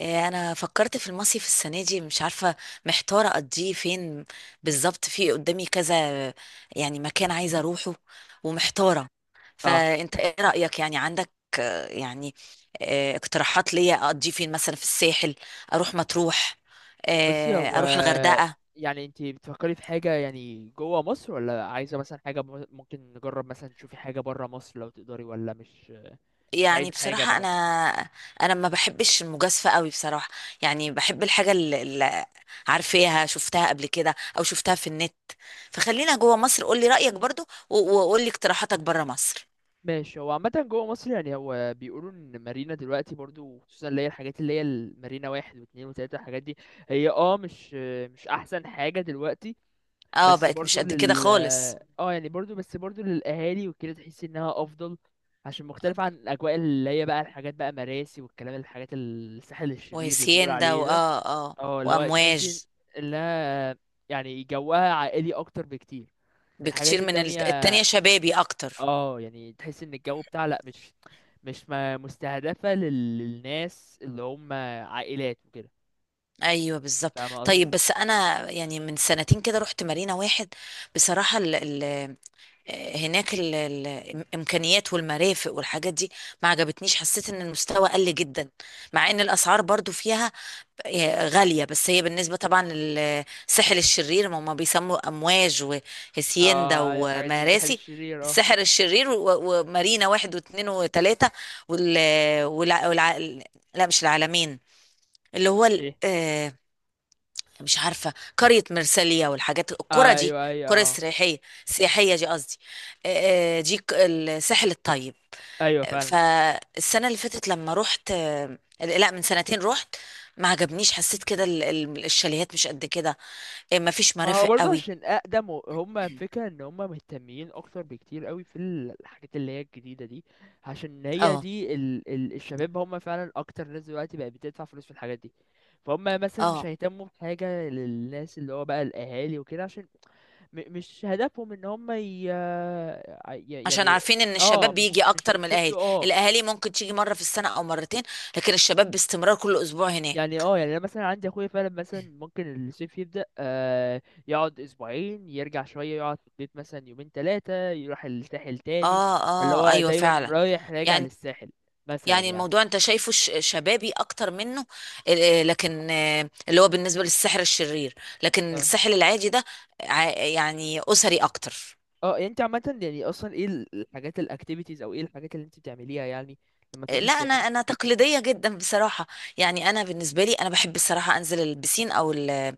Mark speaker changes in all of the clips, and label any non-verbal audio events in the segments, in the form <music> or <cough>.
Speaker 1: إيه، انا فكرت في المصيف السنه دي، مش عارفه محتاره اقضيه فين بالظبط، في قدامي كذا يعني مكان عايزه اروحه ومحتاره.
Speaker 2: اه
Speaker 1: فانت ايه رايك؟ يعني عندك آه، يعني اقتراحات ليا اقضيه فين؟ مثلا في الساحل، اروح مطروح،
Speaker 2: بصي
Speaker 1: اروح
Speaker 2: هو،
Speaker 1: الغردقه.
Speaker 2: يعني انت بتفكري في حاجة يعني جوه مصر، ولا عايزة مثلا حاجة ممكن نجرب مثلا تشوفي حاجة برا مصر لو تقدري ولا مش
Speaker 1: يعني
Speaker 2: عايزة حاجة
Speaker 1: بصراحه
Speaker 2: برا
Speaker 1: انا
Speaker 2: مصر.
Speaker 1: انا ما بحبش المجازفه قوي بصراحه. يعني بحب الحاجه عارفاها، شفتها قبل كده او شفتها في النت. فخلينا جوه مصر، قولي رأيك برضو، وقولي اقتراحاتك بره مصر.
Speaker 2: ماشي، هو عامة جوه مصر يعني هو بيقولوا ان مارينا دلوقتي برضو، خصوصا اللي هي الحاجات اللي هي المارينا واحد واتنين وتلاتة، الحاجات دي هي، اه، مش احسن حاجة دلوقتي.
Speaker 1: اه،
Speaker 2: بس
Speaker 1: بقت مش
Speaker 2: برضو
Speaker 1: قد كده
Speaker 2: لل
Speaker 1: خالص.
Speaker 2: يعني برضو، بس برضو للاهالي وكده تحس انها افضل، عشان مختلف عن الاجواء اللي هي بقى الحاجات بقى مراسي والكلام، الحاجات الساحل الشرير اللي بيقول
Speaker 1: وهسيان ده
Speaker 2: عليه
Speaker 1: واه
Speaker 2: ده.
Speaker 1: اه آه،
Speaker 2: اه، اللي هو تحسي
Speaker 1: وامواج
Speaker 2: انها يعني جوها عائلي اكتر بكتير. الحاجات
Speaker 1: بكتير من
Speaker 2: التانية
Speaker 1: التانية، شبابي اكتر.
Speaker 2: اه، يعني تحس ان الجو بتاع، لا مش مستهدفة للناس اللي هم عائلات وكده.
Speaker 1: ايوه بالظبط.
Speaker 2: فاهمة قصدي؟
Speaker 1: طيب بس انا يعني من سنتين كده رحت مارينا واحد. بصراحه ال ال هناك ال ال الامكانيات والمرافق والحاجات دي ما عجبتنيش، حسيت ان المستوى قل جدا، مع ان الاسعار برضو فيها غالية. بس هي بالنسبة طبعا للسحر الشرير، ما هما بيسموا أمواج وهسيندا
Speaker 2: اه الحاجات دي الساحل
Speaker 1: ومراسي،
Speaker 2: الشرير اه.
Speaker 1: السحر الشرير ومارينا واحد واثنين وثلاثة وال والع... والع... لا مش العالمين، اللي هو ال...
Speaker 2: ايه،
Speaker 1: آه، مش عارفة قرية مرسالية والحاجات القرى دي،
Speaker 2: ايوه ايوه
Speaker 1: القرى
Speaker 2: اه.
Speaker 1: السياحية، السياحية دي قصدي. دي الساحل الطيب.
Speaker 2: ايوه فعلا.
Speaker 1: فالسنة اللي فاتت لما رحت، لا من سنتين رحت، ما عجبنيش، حسيت كده الشاليهات مش قد كده. إيه، ما فيش
Speaker 2: ما هو
Speaker 1: مرافق
Speaker 2: برضه
Speaker 1: قوي.
Speaker 2: عشان اقدم هم فكرة ان هم مهتمين اكتر بكتير قوي في الحاجات اللي هي الجديدة دي، عشان هي
Speaker 1: اه
Speaker 2: دي ال الشباب هم فعلا اكتر ناس دلوقتي بقت بتدفع فلوس في الحاجات دي. فهم مثلا مش
Speaker 1: اه،
Speaker 2: هيهتموا بحاجة للناس اللي هو بقى الاهالي وكده، عشان مش هدفهم ان هم
Speaker 1: عشان
Speaker 2: يعني،
Speaker 1: عارفين ان
Speaker 2: اه،
Speaker 1: الشباب بيجي
Speaker 2: مش
Speaker 1: اكتر من الاهالي.
Speaker 2: بيشدوا آه،
Speaker 1: الاهالي ممكن تيجي مرة في السنة او مرتين، لكن الشباب باستمرار كل اسبوع هناك.
Speaker 2: يعني. اه، يعني انا مثلا عندي اخويا فعلا، مثلا ممكن الصيف يبدأ آه، يقعد اسبوعين يرجع شوية، يقعد في البيت مثلا يومين ثلاثة يروح الساحل تاني.
Speaker 1: اه
Speaker 2: فاللي
Speaker 1: اه
Speaker 2: هو
Speaker 1: ايوه
Speaker 2: دايما
Speaker 1: فعلا.
Speaker 2: رايح راجع
Speaker 1: يعني
Speaker 2: للساحل مثلا يعني.
Speaker 1: الموضوع انت شايفه شبابي اكتر منه. لكن اللي هو بالنسبة للسحر الشرير، لكن
Speaker 2: اه
Speaker 1: السحر العادي ده يعني اسري اكتر.
Speaker 2: اه يعني انت عامة، يعني اصلا ايه الحاجات الاكتيفيتيز، او ايه الحاجات اللي انت بتعمليها يعني لما تروحي
Speaker 1: لا انا
Speaker 2: الساحل؟
Speaker 1: تقليديه جدا بصراحه. يعني انا بالنسبه لي، انا بحب الصراحه انزل البسين او ال-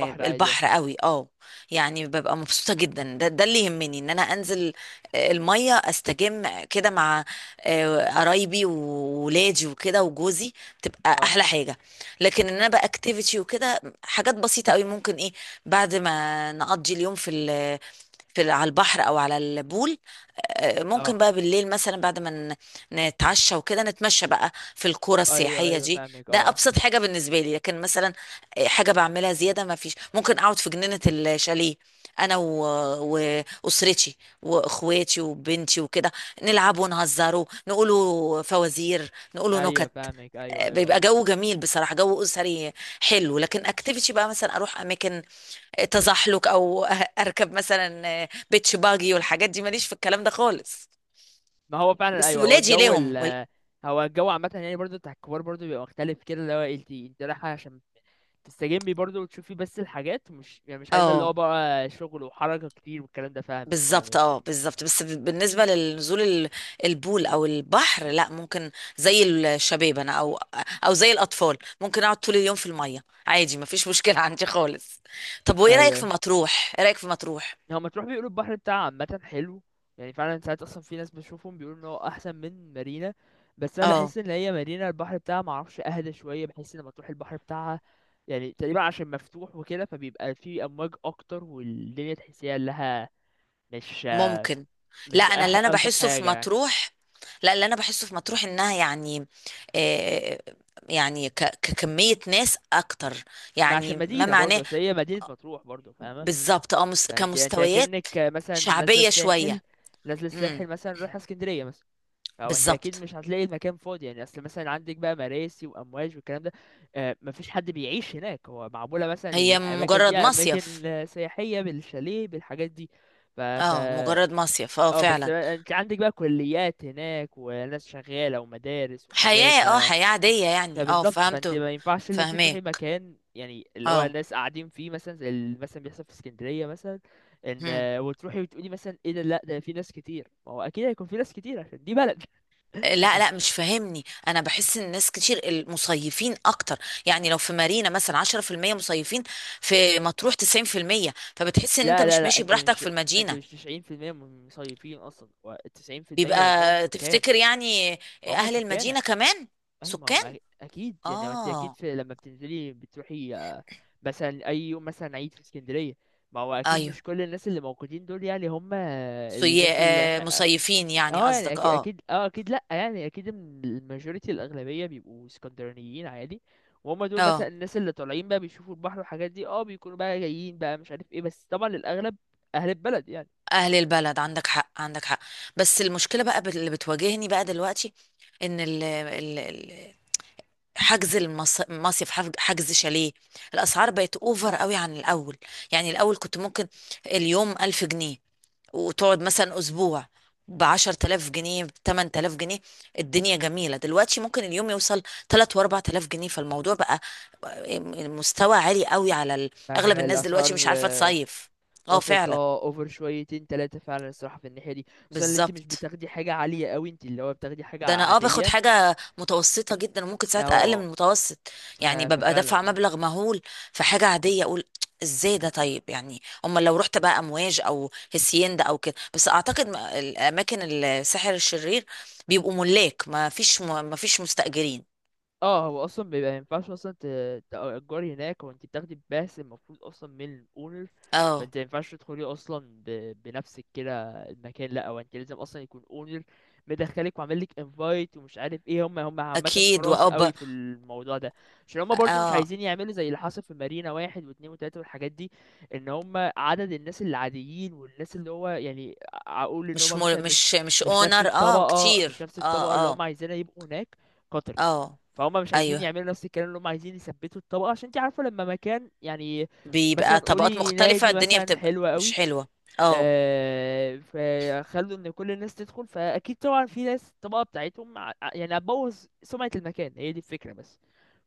Speaker 2: بحر عادي اه.
Speaker 1: البحر قوي، اه. يعني ببقى مبسوطة جدا، ده اللي يهمني، ان انا انزل المية استجم كده مع قرايبي وولادي وكده وجوزي، بتبقى
Speaker 2: اه
Speaker 1: احلى حاجة. لكن ان انا بقى اكتيفيتي وكده، حاجات بسيطة قوي، ممكن ايه بعد ما نقضي اليوم على البحر او على البول، ممكن
Speaker 2: اه
Speaker 1: بقى بالليل مثلا بعد ما نتعشى وكده، نتمشى بقى في القرى
Speaker 2: ايوه
Speaker 1: السياحية
Speaker 2: ايوه،
Speaker 1: دي،
Speaker 2: فاهمك
Speaker 1: ده
Speaker 2: اه.
Speaker 1: ابسط حاجة بالنسبة لي. لكن مثلا حاجه بعملها زياده ما فيش، ممكن اقعد في جنينه الشاليه انا و... واسرتي واخواتي وبنتي وكده، نلعب ونهزروا، نقولوا فوازير، نقولوا
Speaker 2: ايوه
Speaker 1: نكت.
Speaker 2: فاهمك، ايوه ايوه
Speaker 1: بيبقى
Speaker 2: اه.
Speaker 1: جو جميل بصراحه، جو اسري حلو. لكن اكتيفيتي بقى، مثلا اروح اماكن تزحلق او <laughs> اركب مثلا بيتش باجي والحاجات دي، ماليش في الكلام ده خالص،
Speaker 2: ما هو فعلا،
Speaker 1: بس
Speaker 2: ايوه، هو
Speaker 1: ولادي
Speaker 2: الجو ال،
Speaker 1: ليهم
Speaker 2: هو الجو عامة يعني برضه بتاع الكبار برضه بيبقى مختلف كده، اللي هو إيه، انت رايحة عشان تستجمي برضه وتشوفي، بس الحاجات مش يعني مش عايزة اللي هو
Speaker 1: اه.
Speaker 2: بقى شغل وحركة كتير والكلام ده. فاهمك
Speaker 1: بالظبط
Speaker 2: فاهمك
Speaker 1: اه بالظبط، بس بالنسبه للنزول البول او البحر، لا ممكن زي الشباب انا، او زي الاطفال، ممكن اقعد طول اليوم في الميه عادي، ما فيش مشكله <laughs> عندي خالص. طب وايه رايك
Speaker 2: ايوه
Speaker 1: في
Speaker 2: ايوه،
Speaker 1: مطروح؟ ايه رايك في مطروح؟
Speaker 2: هو ما تروح بيقولوا البحر بتاعها عامة حلو، يعني فعلا ساعات اصلا في ناس بشوفهم بيقولوا ان هو احسن من مارينا. بس انا
Speaker 1: اه
Speaker 2: بحس ان هي مارينا البحر بتاعها معرفش اهدى شوية، بحس ان لما تروح البحر بتاعها يعني تقريبا، عشان مفتوح وكده فبيبقى فيه امواج اكتر والدنيا تحسيها لها مش آه،
Speaker 1: ممكن. لا
Speaker 2: مش
Speaker 1: انا
Speaker 2: أح...
Speaker 1: اللي انا
Speaker 2: ألطف
Speaker 1: بحسه في
Speaker 2: حاجة يعني.
Speaker 1: مطروح، لا اللي انا بحسه في مطروح، انها يعني آه يعني ككميه ناس اكتر،
Speaker 2: ما
Speaker 1: يعني
Speaker 2: عشان
Speaker 1: ما
Speaker 2: مدينة برضه،
Speaker 1: معناه.
Speaker 2: بس هي مدينة مطروح برضه، فاهمة؟
Speaker 1: بالظبط اه،
Speaker 2: فانت
Speaker 1: كمستويات
Speaker 2: اكنك مثلا نازلة
Speaker 1: شعبيه
Speaker 2: الساحل،
Speaker 1: شويه.
Speaker 2: مثلا رايحة اسكندرية مثلا. او انت اكيد
Speaker 1: بالظبط.
Speaker 2: مش هتلاقي المكان فاضي، يعني اصل مثلا عندك بقى مراسي وامواج والكلام ده آه، مفيش حد بيعيش هناك، هو معمولة مثلا
Speaker 1: هي
Speaker 2: الاماكن دي
Speaker 1: مجرد
Speaker 2: اماكن
Speaker 1: مصيف.
Speaker 2: سياحية بالشاليه بالحاجات دي. ف ف
Speaker 1: اه مجرد مصيف. اه
Speaker 2: اه، بس
Speaker 1: فعلا.
Speaker 2: بقى انت عندك بقى كليات هناك وناس شغالة ومدارس وحاجات ف،
Speaker 1: حياة عادية يعني، اه
Speaker 2: فبالظبط فانت
Speaker 1: فهمته.
Speaker 2: ما ينفعش اللي انت تروحي
Speaker 1: فهماك
Speaker 2: مكان يعني اللي هو
Speaker 1: اه.
Speaker 2: الناس قاعدين فيه مثلا، زي اللي مثلا بيحصل في اسكندريه مثلا. ان
Speaker 1: هم.
Speaker 2: آه، وتروحي وتقولي مثلا ايه ده، لا ده في ناس كتير، ما هو اكيد هيكون في ناس كتير عشان دي بلد.
Speaker 1: لا لا،
Speaker 2: <laughs>
Speaker 1: مش فاهمني، انا بحس ان الناس كتير، المصيفين اكتر، يعني لو في مارينا مثلا 10% مصيفين، في مطروح 90%، فبتحس ان انت
Speaker 2: لا لا
Speaker 1: مش
Speaker 2: لا
Speaker 1: ماشي
Speaker 2: انت
Speaker 1: براحتك
Speaker 2: مش،
Speaker 1: في
Speaker 2: انت مش
Speaker 1: المدينة،
Speaker 2: 90% من المصيفين اصلا، و90%
Speaker 1: بيبقى
Speaker 2: منهم سكان.
Speaker 1: تفتكر يعني
Speaker 2: هم
Speaker 1: اهل
Speaker 2: سكان
Speaker 1: المدينة كمان
Speaker 2: اي، ما
Speaker 1: سكان.
Speaker 2: هم اكيد يعني، ما انت اكيد
Speaker 1: اه
Speaker 2: في لما بتنزلي بتروحي آه، مثلا اي يوم مثلا عيد في اسكندريه، ما هو اكيد
Speaker 1: ايوه،
Speaker 2: مش كل الناس اللي موجودين دول يعني هم
Speaker 1: سي...
Speaker 2: الناس اللي،
Speaker 1: آه، مصيفين يعني
Speaker 2: اه، يعني
Speaker 1: قصدك،
Speaker 2: اكيد
Speaker 1: اه
Speaker 2: اكيد اه اكيد لا يعني اكيد إن الماجوريتي الاغلبيه بيبقوا اسكندرانيين عادي. وهم دول مثلا
Speaker 1: اه،
Speaker 2: الناس اللي طالعين بقى بيشوفوا البحر والحاجات دي، اه بيكونوا بقى جايين بقى مش عارف ايه، بس طبعا الاغلب اهل البلد يعني.
Speaker 1: اهل البلد، عندك حق عندك حق. بس المشكله بقى اللي بتواجهني بقى دلوقتي، ان حجز المصيف، حجز شاليه، الاسعار بقت اوفر قوي عن الاول. يعني الاول كنت ممكن اليوم 1000 جنيه، وتقعد مثلا اسبوع ب 10,000 جنيه، ب 8000 جنيه، الدنيا جميله. دلوقتي ممكن اليوم يوصل 3 و 4000 جنيه، فالموضوع بقى مستوى عالي قوي على اغلب الناس دلوقتي مش
Speaker 2: فالاسعار
Speaker 1: عارفه
Speaker 2: آه،
Speaker 1: تصيف. اه
Speaker 2: وصلت
Speaker 1: فعلا
Speaker 2: اه اوفر شويتين تلاتة فعلا الصراحه في الناحيه دي، خصوصا ان انت مش
Speaker 1: بالظبط.
Speaker 2: بتاخدي حاجه عاليه قوي، انت اللي هو بتاخدي حاجه
Speaker 1: ده انا باخد
Speaker 2: عاديه
Speaker 1: حاجه متوسطه جدا، وممكن ساعات اقل من
Speaker 2: اه.
Speaker 1: المتوسط. يعني ببقى
Speaker 2: ففعلا
Speaker 1: دافعه
Speaker 2: إمم.
Speaker 1: مبلغ مهول في حاجه عاديه، اقول ازاي ده. طيب يعني امال لو رحت بقى امواج او هسيندا او كده؟ بس اعتقد الاماكن السحر الشرير بيبقوا ملاك، ما فيش ما فيش مستاجرين.
Speaker 2: اه، هو اصلا بيبقى مينفعش اصلا تأجري هناك، هو انت بتاخدي باس المفروض اصلا من الاونر.
Speaker 1: اه
Speaker 2: فانت مينفعش تدخلي اصلا بنفسك كده المكان، لا هو انت لازم اصلا يكون اونر مدخلك وعامل لك انفايت ومش عارف ايه. هم عامه
Speaker 1: اكيد.
Speaker 2: حراس قوي
Speaker 1: واب
Speaker 2: في الموضوع ده، عشان هم برضو مش
Speaker 1: اه،
Speaker 2: عايزين يعملوا زي اللي حصل في مارينا واحد واتنين وتلاته والحاجات دي. ان هم عدد الناس العاديين والناس اللي هو يعني، اقول ان هم
Speaker 1: مش
Speaker 2: مثلا
Speaker 1: مل...
Speaker 2: مش،
Speaker 1: مش مش
Speaker 2: مش نفس
Speaker 1: اونر، اه
Speaker 2: الطبقه،
Speaker 1: كتير
Speaker 2: اللي
Speaker 1: اه اه
Speaker 2: هم عايزينها يبقوا هناك كترت.
Speaker 1: اه
Speaker 2: فهم مش عايزين
Speaker 1: ايوه،
Speaker 2: يعملوا نفس الكلام، اللي هم عايزين يثبتوا الطبقه، عشان انت عارفه لما مكان يعني مثلا
Speaker 1: بيبقى طبقات
Speaker 2: قولي
Speaker 1: مختلفه
Speaker 2: نادي
Speaker 1: الدنيا
Speaker 2: مثلا
Speaker 1: بتبقى
Speaker 2: حلو
Speaker 1: مش
Speaker 2: قوي
Speaker 1: حلوه. اه
Speaker 2: آه، فخلوا ان كل الناس تدخل، فاكيد طبعا في ناس الطبقه بتاعتهم يعني هتبوظ سمعه المكان، هي دي الفكره بس.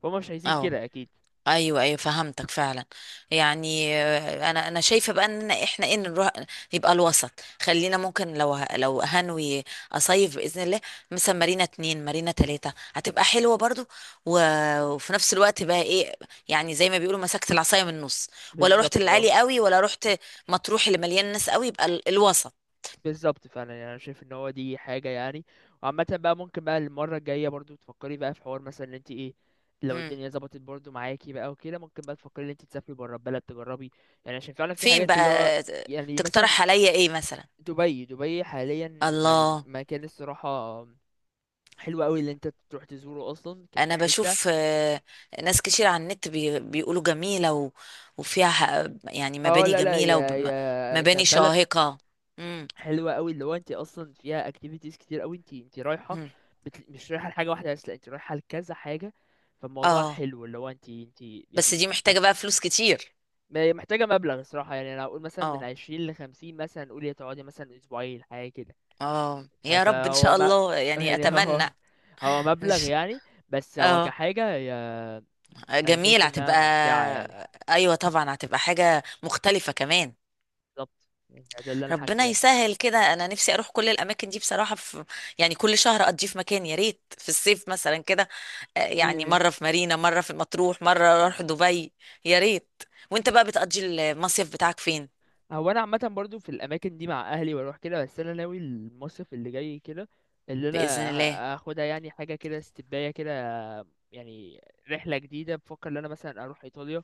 Speaker 2: فهم مش عايزين
Speaker 1: اه
Speaker 2: كده اكيد.
Speaker 1: ايوه ايوه، فهمتك فعلا. يعني انا شايفه بقى ان احنا ايه نروح، يبقى الوسط. خلينا ممكن لو هنوي اصيف باذن الله، مثلا مارينا اتنين، مارينا تلاته، هتبقى حلوه برضو. وفي نفس الوقت بقى ايه، يعني زي ما بيقولوا، مسكت العصايه من النص، ولا رحت
Speaker 2: بالظبط
Speaker 1: للعالي
Speaker 2: اه
Speaker 1: قوي، ولا رحت مطروح اللي مليان ناس قوي، يبقى الوسط.
Speaker 2: بالظبط فعلا، يعني انا شايف ان هو دي حاجه يعني. وعامه بقى ممكن بقى المره الجايه برضو تفكري بقى في حوار مثلا، ان انت ايه، لو
Speaker 1: مم.
Speaker 2: الدنيا ظبطت برضو معاكي بقى وكده ممكن بقى تفكري ان انت تسافري بره البلد تجربي. يعني عشان فعلا في
Speaker 1: فين
Speaker 2: حاجات
Speaker 1: بقى؟
Speaker 2: اللي هو،
Speaker 1: آه،
Speaker 2: يعني
Speaker 1: تقترح
Speaker 2: مثلا
Speaker 1: عليا ايه مثلا؟
Speaker 2: دبي. دبي حاليا يعني
Speaker 1: الله.
Speaker 2: مكان الصراحه حلو قوي اللي انت تروح تزوره اصلا
Speaker 1: انا
Speaker 2: كحته.
Speaker 1: بشوف ناس كتير على النت بيقولوا جميلة، وفيها يعني
Speaker 2: اه
Speaker 1: مباني
Speaker 2: لا لا،
Speaker 1: جميلة
Speaker 2: يا يا
Speaker 1: ومباني
Speaker 2: كبلد
Speaker 1: شاهقة. امم.
Speaker 2: حلوه قوي، اللي هو انت اصلا فيها اكتيفيتيز كتير قوي، انت رايحه،
Speaker 1: أمم.
Speaker 2: مش رايحه لحاجه واحده بس، لا انت رايحه لكذا حاجه. فالموضوع
Speaker 1: اه
Speaker 2: حلو اللي هو انت
Speaker 1: بس
Speaker 2: يعني،
Speaker 1: دي محتاجة بقى فلوس كتير.
Speaker 2: محتاجه مبلغ الصراحه، يعني انا اقول مثلا من
Speaker 1: اه
Speaker 2: 20 ل 50 مثلا قولي، تقعدي مثلا اسبوعين حاجه كده.
Speaker 1: اه، يا رب، ان
Speaker 2: فهو
Speaker 1: شاء
Speaker 2: ما
Speaker 1: الله،
Speaker 2: <laughs>
Speaker 1: يعني
Speaker 2: يعني
Speaker 1: اتمنى.
Speaker 2: هو
Speaker 1: إن
Speaker 2: مبلغ
Speaker 1: ش-
Speaker 2: يعني، بس هو
Speaker 1: اه
Speaker 2: كحاجه انا
Speaker 1: جميل.
Speaker 2: شايف انها
Speaker 1: هتبقى
Speaker 2: ممتعه يعني.
Speaker 1: ايوه طبعا هتبقى حاجة مختلفة كمان.
Speaker 2: بالظبط، يعني ده اللي انا
Speaker 1: ربنا
Speaker 2: حاسه يعني.
Speaker 1: يسهل كده، انا نفسي اروح كل الاماكن دي بصراحه، في يعني كل شهر اقضيه في مكان، يا ريت في الصيف مثلا كده، يعني مره
Speaker 2: <laughs>
Speaker 1: في مارينا، مره في مطروح، مره اروح دبي، يا ريت. وانت بقى بتقضي المصيف بتاعك فين؟
Speaker 2: هو انا عامه برضو في الاماكن دي مع اهلي واروح كده، بس انا ناوي المصيف اللي جاي كده، اللي
Speaker 1: باذن
Speaker 2: انا
Speaker 1: الله.
Speaker 2: هاخدها يعني حاجه كده استباية كده يعني، رحله جديده. بفكر ان انا مثلا اروح ايطاليا،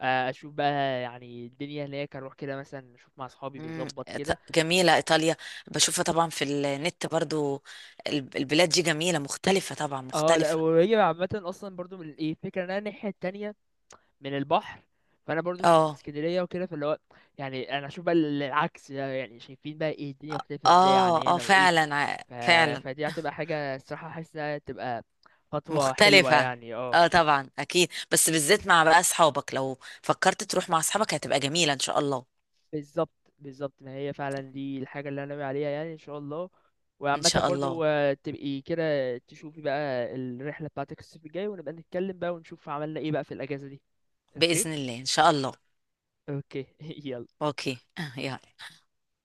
Speaker 2: آه، اشوف بقى يعني الدنيا هناك، اروح كده مثلا اشوف مع اصحابي بيظبط كده.
Speaker 1: جميله ايطاليا، بشوفها طبعا في النت برضو. البلاد دي جميله مختلفه، طبعا
Speaker 2: اه، لا
Speaker 1: مختلفه.
Speaker 2: وهي عامه اصلا برضو من ايه، فكره ان انا الناحيه التانية من البحر، فانا برضو مش في
Speaker 1: اه
Speaker 2: اسكندريه وكده، فاللي هو يعني انا اشوف بقى العكس ده، يعني شايفين بقى ايه الدنيا مختلفه ازاي عن
Speaker 1: اه اه
Speaker 2: هنا وايه.
Speaker 1: فعلا
Speaker 2: ف...
Speaker 1: فعلا
Speaker 2: فدي هتبقى حاجة الصراحة حاسس انها تبقى خطوة حلوة
Speaker 1: مختلفة.
Speaker 2: يعني اه.
Speaker 1: اه طبعا اكيد، بس بالذات مع بقى اصحابك، لو فكرت تروح مع اصحابك هتبقى جميلة ان شاء الله.
Speaker 2: بالظبط بالظبط، ما هي فعلا دي الحاجة اللي انا ناوي عليها يعني، ان شاء الله.
Speaker 1: ان
Speaker 2: وعامة
Speaker 1: شاء الله.
Speaker 2: برضو آه، تبقي كده تشوفي بقى الرحلة بتاعتك الصيف الجاي، ونبقى نتكلم بقى ونشوف عملنا ايه بقى في الأجازة دي. اوكي.
Speaker 1: بإذن الله ان شاء الله.
Speaker 2: اوكي. <laughs> يلا.
Speaker 1: اوكي <laughs> يلا.